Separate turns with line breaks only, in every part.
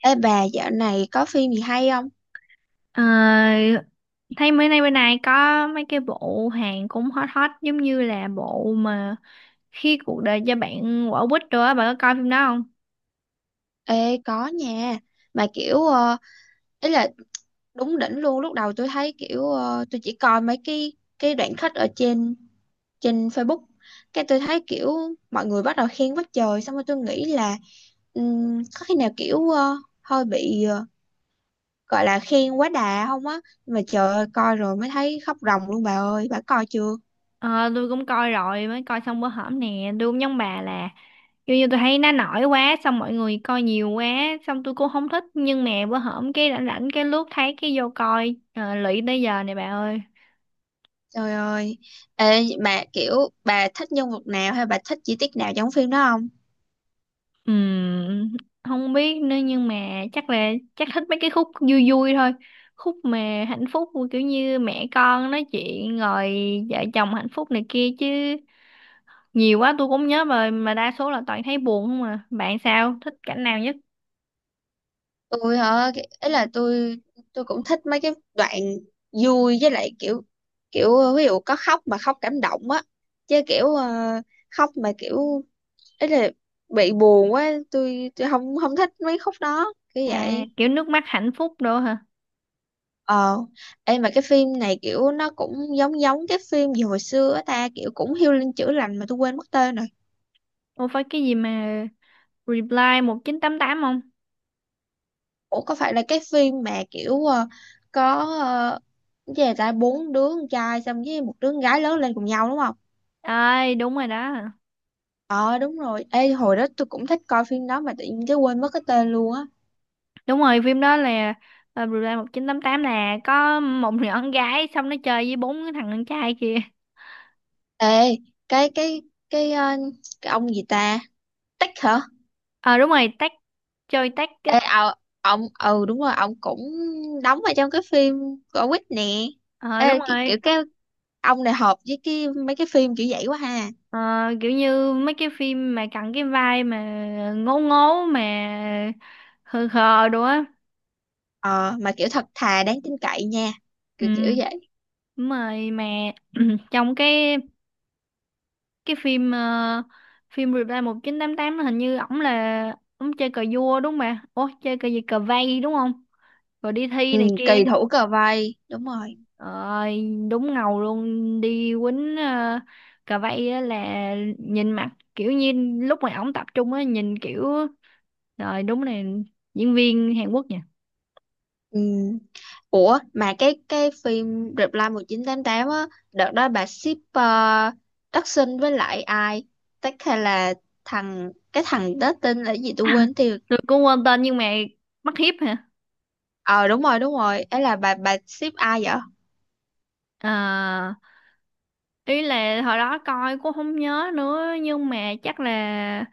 Ê bà dạo này có phim gì hay không?
Ờ, Thấy mấy nay bên này có mấy cái bộ hàng cũng hot hot giống như là bộ mà khi cuộc đời cho bạn quả quýt rồi á, bạn có coi phim đó không?
Ê có nha. Mà kiểu ý là đúng đỉnh luôn. Lúc đầu tôi thấy tôi chỉ coi mấy cái đoạn khách ở trên trên Facebook. Cái tôi thấy kiểu mọi người bắt đầu khen quá trời. Xong rồi tôi nghĩ là có khi nào hơi bị gọi là khen quá đà không á. Nhưng mà trời ơi, coi rồi mới thấy khóc ròng luôn bà ơi. Bà coi chưa?
Ờ, tôi cũng coi rồi, mới coi xong bữa hổm nè. Tôi cũng giống bà là kiểu như tôi thấy nó nổi quá, xong mọi người coi nhiều quá, xong tôi cũng không thích, nhưng mà bữa hổm cái rảnh rảnh cái lướt thấy cái vô coi. Ờ, lụy tới giờ này bà ơi.
Trời ơi. Ê bà kiểu bà thích nhân vật nào hay bà thích chi tiết nào trong phim đó không?
Ừm, Không biết nữa, nhưng mà chắc là chắc thích mấy cái khúc vui vui thôi, khúc mà hạnh phúc kiểu như mẹ con nói chuyện rồi vợ chồng hạnh phúc này kia chứ nhiều quá tôi cũng nhớ rồi, mà đa số là toàn thấy buồn không à. Bạn sao, thích cảnh nào nhất?
Tôi hả? Ấy là tôi cũng thích mấy cái đoạn vui với lại kiểu, kiểu ví dụ có khóc mà khóc cảm động á, chứ khóc mà kiểu, ấy là bị buồn quá, tôi không không thích mấy khúc đó kiểu
À,
vậy.
kiểu nước mắt hạnh phúc đồ hả?
Ờ, em mà cái phim này kiểu nó cũng giống giống cái phim gì hồi xưa á ta, kiểu cũng healing chữa lành mà tôi quên mất tên rồi.
Ô, phải cái gì mà Reply 1988 không?
Ủa, có phải là cái phim mà có, ờ, cái gì ta, 4 đứa con trai xong với 1 đứa con gái lớn lên cùng nhau đúng không?
Ơi, đúng rồi đó.
Ờ đúng rồi. Ê hồi đó tôi cũng thích coi phim đó mà tự nhiên cái quên mất cái tên luôn á.
Đúng rồi, phim đó là Reply 1988, là có một nhỏ con gái xong nó chơi với bốn cái thằng con trai kia.
Ê, cái cái cái ờ, cái ông gì ta? Tích hả?
Ờ đúng rồi, tách chơi tách á.
Ê ờ, ông, ừ đúng rồi, ông cũng đóng ở trong cái phim của Quýt nè.
Ờ đúng
Ê kiểu
rồi.
cái ông này hợp với cái mấy cái phim kiểu vậy quá ha.
Ờ, kiểu như mấy cái phim mà cặn cái vai mà ngố ngố mà khờ khờ đồ á.
Ờ mà kiểu thật thà đáng tin cậy nha.
Ừ,
Kiểu kiểu vậy.
đúng rồi, mà trong cái phim phim Reply 1988, nó hình như ổng chơi cờ vua đúng không bà? Ủa, chơi cờ gì, cờ vây đúng không? Rồi đi thi
Ừ,
này kia.
kỳ thủ cờ vây, đúng rồi.
Ơi, đúng ngầu luôn đi quýnh cà vây á, là nhìn mặt kiểu như lúc mà ổng tập trung á, nhìn kiểu rồi đúng này, diễn viên Hàn Quốc nha.
Ừ. Ủa mà cái phim Reply 1988 á, đợt đó bà ship Đắc Sinh với lại ai, Tắc hay là thằng, cái thằng đó tên là gì tôi quên tiêu.
Tôi cũng quên tên nhưng mà mắt hiếp hả?
Ờ đúng rồi, đúng rồi, ấy là bà ship ai vậy?
À, ý là hồi đó coi cũng không nhớ nữa, nhưng mà chắc là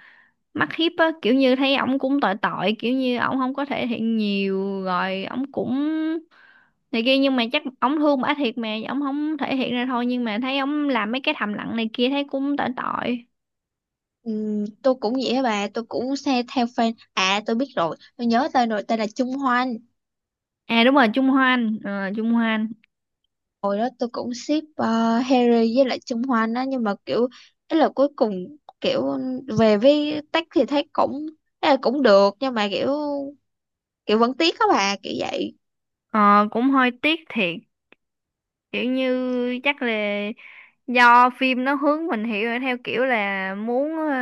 mắt hiếp á, kiểu như thấy ổng cũng tội tội, kiểu như ổng không có thể hiện nhiều rồi ổng cũng này kia, nhưng mà chắc ổng thương bả thiệt mà ổng không thể hiện ra thôi, nhưng mà thấy ổng làm mấy cái thầm lặng này kia thấy cũng tội tội.
Tôi cũng vậy á bà, tôi cũng xe theo fan à, tôi biết rồi, tôi nhớ tên rồi, tên là Trung Hoan.
À đúng rồi, Trung Hoan.
Hồi đó tôi cũng ship Harry với lại Trung Hoan á, nhưng mà kiểu, ấy là cuối cùng kiểu về với Tắc thì thấy cũng, ấy là cũng được, nhưng mà kiểu kiểu vẫn tiếc á bà, kiểu vậy.
Ờ, Cũng hơi tiếc thiệt, kiểu như chắc là do phim nó hướng mình hiểu theo kiểu là muốn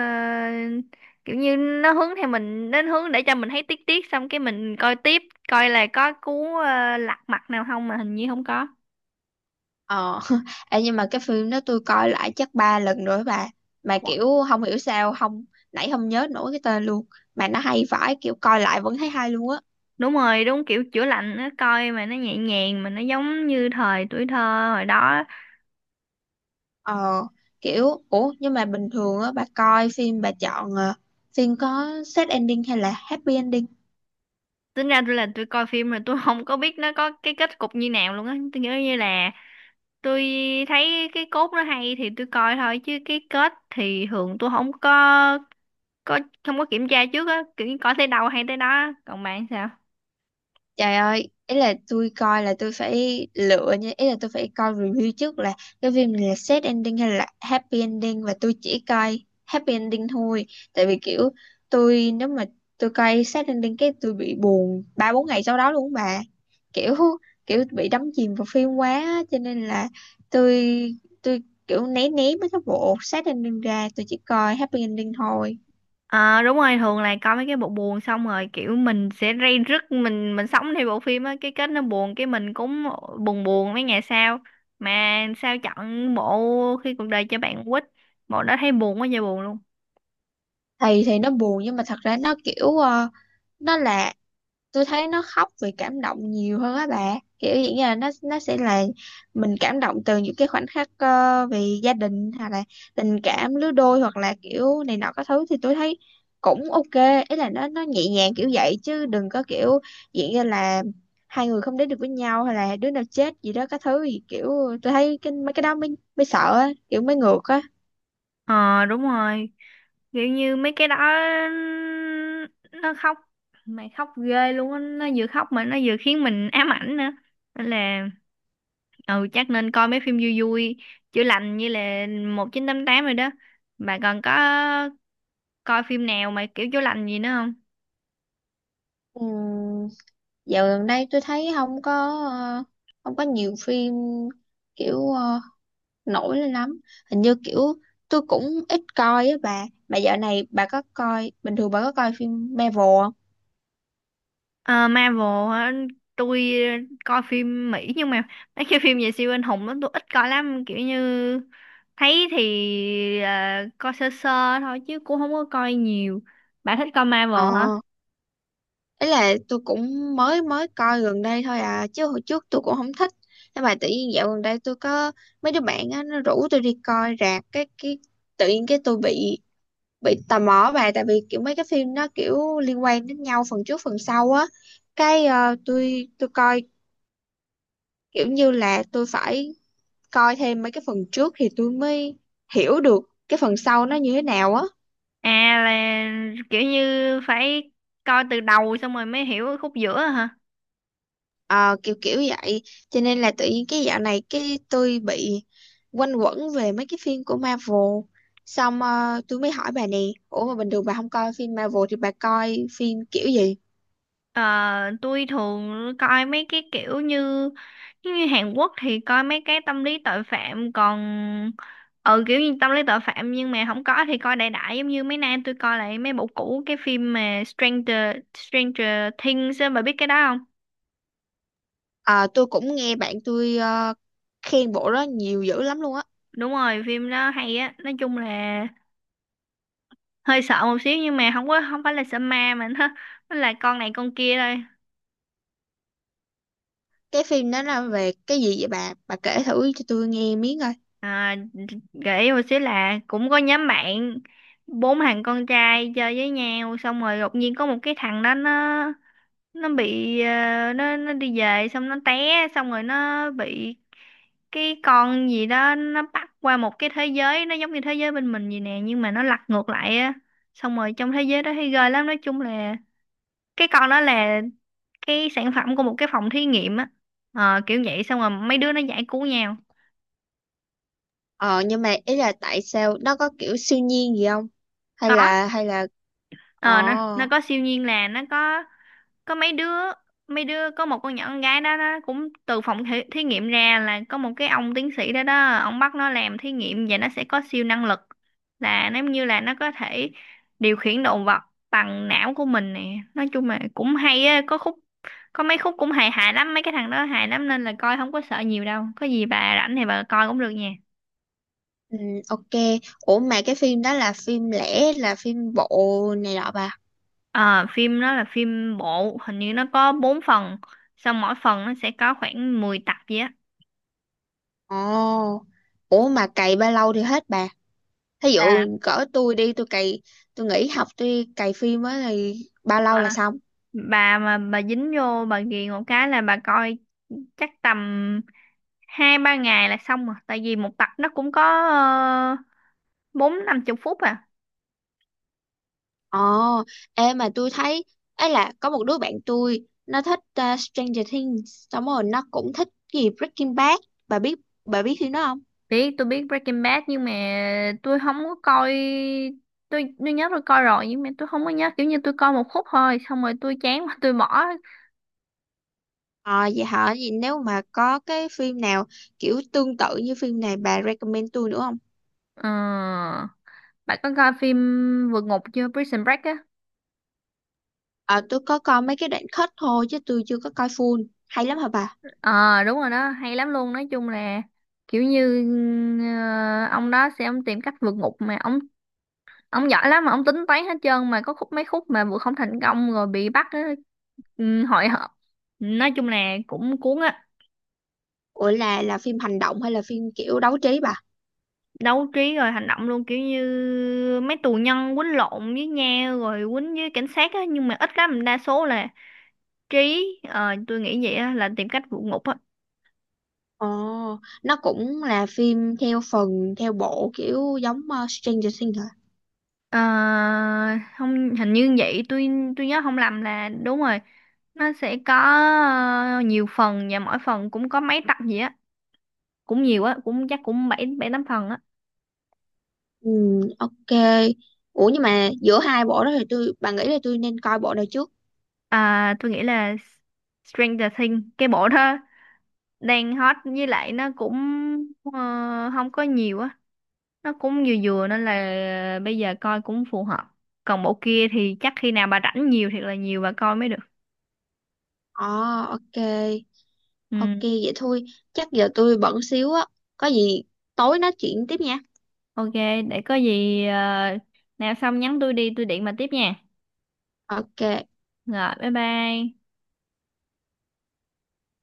kiểu như nó hướng theo mình đến hướng để cho mình thấy tiếc tiếc, xong cái mình coi tiếp, coi là có cú lật mặt nào không, mà hình như không có.
Ờ Ê, nhưng mà cái phim đó tôi coi lại chắc 3 lần rồi á bà, mà kiểu không hiểu sao không, nãy không nhớ nổi cái tên luôn, mà nó hay vãi, kiểu coi lại vẫn thấy hay luôn á.
Đúng rồi, đúng kiểu chữa lành, nó coi mà nó nhẹ nhàng mà nó giống như thời tuổi thơ hồi đó á.
Ờ, kiểu ủa, nhưng mà bình thường á bà coi phim bà chọn phim có sad ending hay là happy ending?
Tính ra tôi là tôi coi phim rồi tôi không có biết nó có cái kết cục như nào luôn á. Tôi nghĩ như là tôi thấy cái cốt nó hay thì tôi coi thôi, chứ cái kết thì thường tôi có không có kiểm tra trước á, kiểu như coi tới đâu hay tới đó á. Còn bạn sao?
Trời ơi, ý là tôi coi là tôi phải lựa nha, ý là tôi phải coi review trước là cái phim này là sad ending hay là happy ending, và tôi chỉ coi happy ending thôi. Tại vì kiểu tôi nếu mà tôi coi sad ending cái tôi bị buồn 3 4 ngày sau đó luôn á bà. Kiểu kiểu bị đắm chìm vào phim quá á, cho nên là tôi tôi kiểu né né mấy cái bộ sad ending ra, tôi chỉ coi happy ending thôi.
Ờ đúng rồi, thường là coi mấy cái bộ buồn xong rồi kiểu mình sẽ ray rứt, mình sống theo bộ phim á, cái kết nó buồn cái mình cũng buồn buồn mấy ngày sau. Mà sao chọn bộ khi cuộc đời cho bạn quýt, bộ đó thấy buồn quá trời buồn luôn.
Thì nó buồn nhưng mà thật ra nó nó là, tôi thấy nó khóc vì cảm động nhiều hơn á bà, kiểu dạng như là nó sẽ là mình cảm động từ những cái khoảnh khắc vì gia đình, hoặc là tình cảm lứa đôi, hoặc là kiểu này nọ các thứ, thì tôi thấy cũng ok, ý là nó nhẹ nhàng kiểu vậy, chứ đừng có kiểu dạng như là hai người không đến được với nhau hay là đứa nào chết gì đó các thứ gì, kiểu tôi thấy cái mấy cái đó mới mới sợ á, kiểu mới ngược á.
Ờ đúng rồi, kiểu như mấy cái đó nó khóc, mày khóc ghê luôn á, nó vừa khóc mà nó vừa khiến mình ám ảnh nữa, nên là ừ chắc nên coi mấy phim vui vui chữa lành như là 1988 rồi đó. Bà còn có coi phim nào mà kiểu chữa lành gì nữa không?
Ừm, dạo gần đây tôi thấy không có ờ, không có nhiều phim kiểu ờ, nổi lên lắm, hình như kiểu tôi cũng ít coi á bà. Mà dạo này bà có coi, bình thường bà có coi phim Marvel không?
Ờ, Marvel hả? Tôi coi phim Mỹ, nhưng mà mấy cái phim về siêu anh hùng đó tôi ít coi lắm, kiểu như thấy thì ờ, coi sơ sơ thôi chứ cũng không có coi nhiều. Bà thích coi Marvel hả?
Ờ, ấy là tôi cũng mới mới coi gần đây thôi à, chứ hồi trước tôi cũng không thích, nhưng mà tự nhiên dạo gần đây tôi có mấy đứa bạn á nó rủ tôi đi coi rạp cái, tự nhiên cái tôi bị tò mò bà, tại vì kiểu mấy cái phim nó kiểu liên quan đến nhau phần trước phần sau á, tôi coi kiểu như là tôi phải coi thêm mấy cái phần trước thì tôi mới hiểu được cái phần sau nó như thế nào á.
À, là kiểu như phải coi từ đầu xong rồi mới hiểu khúc giữa hả?
Ờ, kiểu kiểu vậy, cho nên là tự nhiên cái dạo này cái tôi bị quanh quẩn về mấy cái phim của Marvel. Xong tôi mới hỏi bà nè, ủa mà bình thường bà không coi phim Marvel thì bà coi phim kiểu gì?
Ờ, tôi thường coi mấy cái kiểu như giống như Hàn Quốc thì coi mấy cái tâm lý tội phạm, còn ừ kiểu như tâm lý tội phạm, nhưng mà không có thì coi đại đại, giống như mấy nay tôi coi lại mấy bộ cũ, cái phim mà Stranger Stranger Things á, bà biết cái đó không?
Ờ, tôi cũng nghe bạn tôi khen bộ đó nhiều dữ lắm luôn á.
Đúng rồi, phim đó hay á. Nói chung là hơi sợ một xíu, nhưng mà không có, không phải là sợ ma mà nó là con này con kia thôi.
Cái phim đó là về cái gì vậy bà kể thử cho tôi nghe miếng coi.
À, gợi ý một xíu là cũng có nhóm bạn bốn thằng con trai chơi với nhau, xong rồi đột nhiên có một cái thằng đó nó đi về, xong nó té, xong rồi nó bị cái con gì đó nó bắt qua một cái thế giới, nó giống như thế giới bên mình vậy nè nhưng mà nó lật ngược lại á. Xong rồi trong thế giới đó thấy ghê lắm. Nói chung là cái con đó là cái sản phẩm của một cái phòng thí nghiệm á. Ờ, kiểu vậy, xong rồi mấy đứa nó giải cứu nhau.
Ờ nhưng mà ý là tại sao nó có kiểu siêu nhiên gì không? Hay
Có,
là hay là, ờ,
ờ nó có siêu nhiên, là nó có mấy đứa có một con nhỏ con gái đó nó cũng từ phòng thí nghiệm ra, là có một cái ông tiến sĩ đó đó ông bắt nó làm thí nghiệm và nó sẽ có siêu năng lực, là nếu như là nó có thể điều khiển động vật bằng não của mình nè. Nói chung là cũng hay á, có khúc có mấy khúc cũng hài hài lắm, mấy cái thằng đó hài lắm, nên là coi không có sợ nhiều đâu. Có gì bà rảnh thì bà coi cũng được nha.
ừ, ok. Ủa mà cái phim đó là phim lẻ là phim bộ này nọ bà.
À, phim đó là phim bộ, hình như nó có 4 phần, xong mỗi phần nó sẽ có khoảng 10 tập vậy á.
Ồ. Ủa mà cày bao lâu thì hết bà? Thí dụ
À,
cỡ tôi đi tôi cày, tôi nghỉ học tôi cày phim á thì bao lâu là
à,
xong?
bà mà bà dính vô bà ghiền một cái là bà coi chắc tầm hai ba ngày là xong rồi, tại vì một tập nó cũng có ờ, bốn năm chục phút à.
Ồ, ê mà tôi thấy, ấy là có một đứa bạn tôi nó thích Stranger Things, xong rồi nó cũng thích cái gì Breaking Bad. Bà biết bà biết phim đó?
Biết, tôi biết Breaking Bad, nhưng mà tôi không có coi. Tôi nhớ tôi coi rồi, nhưng mà tôi không có nhớ, kiểu như tôi coi một khúc thôi xong rồi tôi chán quá tôi bỏ.
Ờ vậy hả? Vậy nếu mà có cái phim nào kiểu tương tự như phim này bà recommend tôi nữa không?
Ờ. Bạn có coi phim Vượt Ngục chưa? Prison Break á.
Ờ tôi có coi mấy cái đoạn cut thôi chứ tôi chưa có coi full. Hay lắm hả bà?
Ờ đúng rồi đó, hay lắm luôn. Nói chung là kiểu như ông đó sẽ ông tìm cách vượt ngục, mà ông giỏi lắm, mà ông tính toán hết trơn, mà có khúc mấy khúc mà vượt không thành công rồi bị bắt á, ừ, hội họp. Nói chung là cũng cuốn á.
Ủa là phim hành động hay là phim kiểu đấu trí bà?
Đấu trí rồi hành động luôn, kiểu như mấy tù nhân quýnh lộn với nhau rồi quýnh với cảnh sát á, nhưng mà ít lắm, đa số là trí. Ờ, tôi nghĩ vậy á, là tìm cách vượt ngục á.
Ồ, nó cũng là phim theo phần, theo bộ kiểu giống Stranger Things hả?
Ờ, không, hình như vậy. Tôi nhớ không lầm là đúng rồi, nó sẽ có ờ, nhiều phần, và mỗi phần cũng có mấy tập gì á, cũng nhiều á, cũng chắc cũng bảy bảy tám phần á.
Ừ, ok. Ủa nhưng mà giữa hai bộ đó thì tôi, bà nghĩ là tôi nên coi bộ nào trước?
À, tôi nghĩ là Stranger Things, cái bộ đó đang hot, với lại nó cũng không có nhiều á, nó cũng vừa vừa, nên là bây giờ coi cũng phù hợp. Còn bộ kia thì chắc khi nào bà rảnh nhiều thiệt là nhiều bà coi mới được.
Ờ, ok. Ok
Ừ.
vậy thôi. Chắc giờ tôi bận xíu á. Có gì tối nói chuyện tiếp nha.
Ok, để có gì nào xong nhắn tôi đi, tôi điện bà tiếp nha.
Ok,
Rồi, bye bye.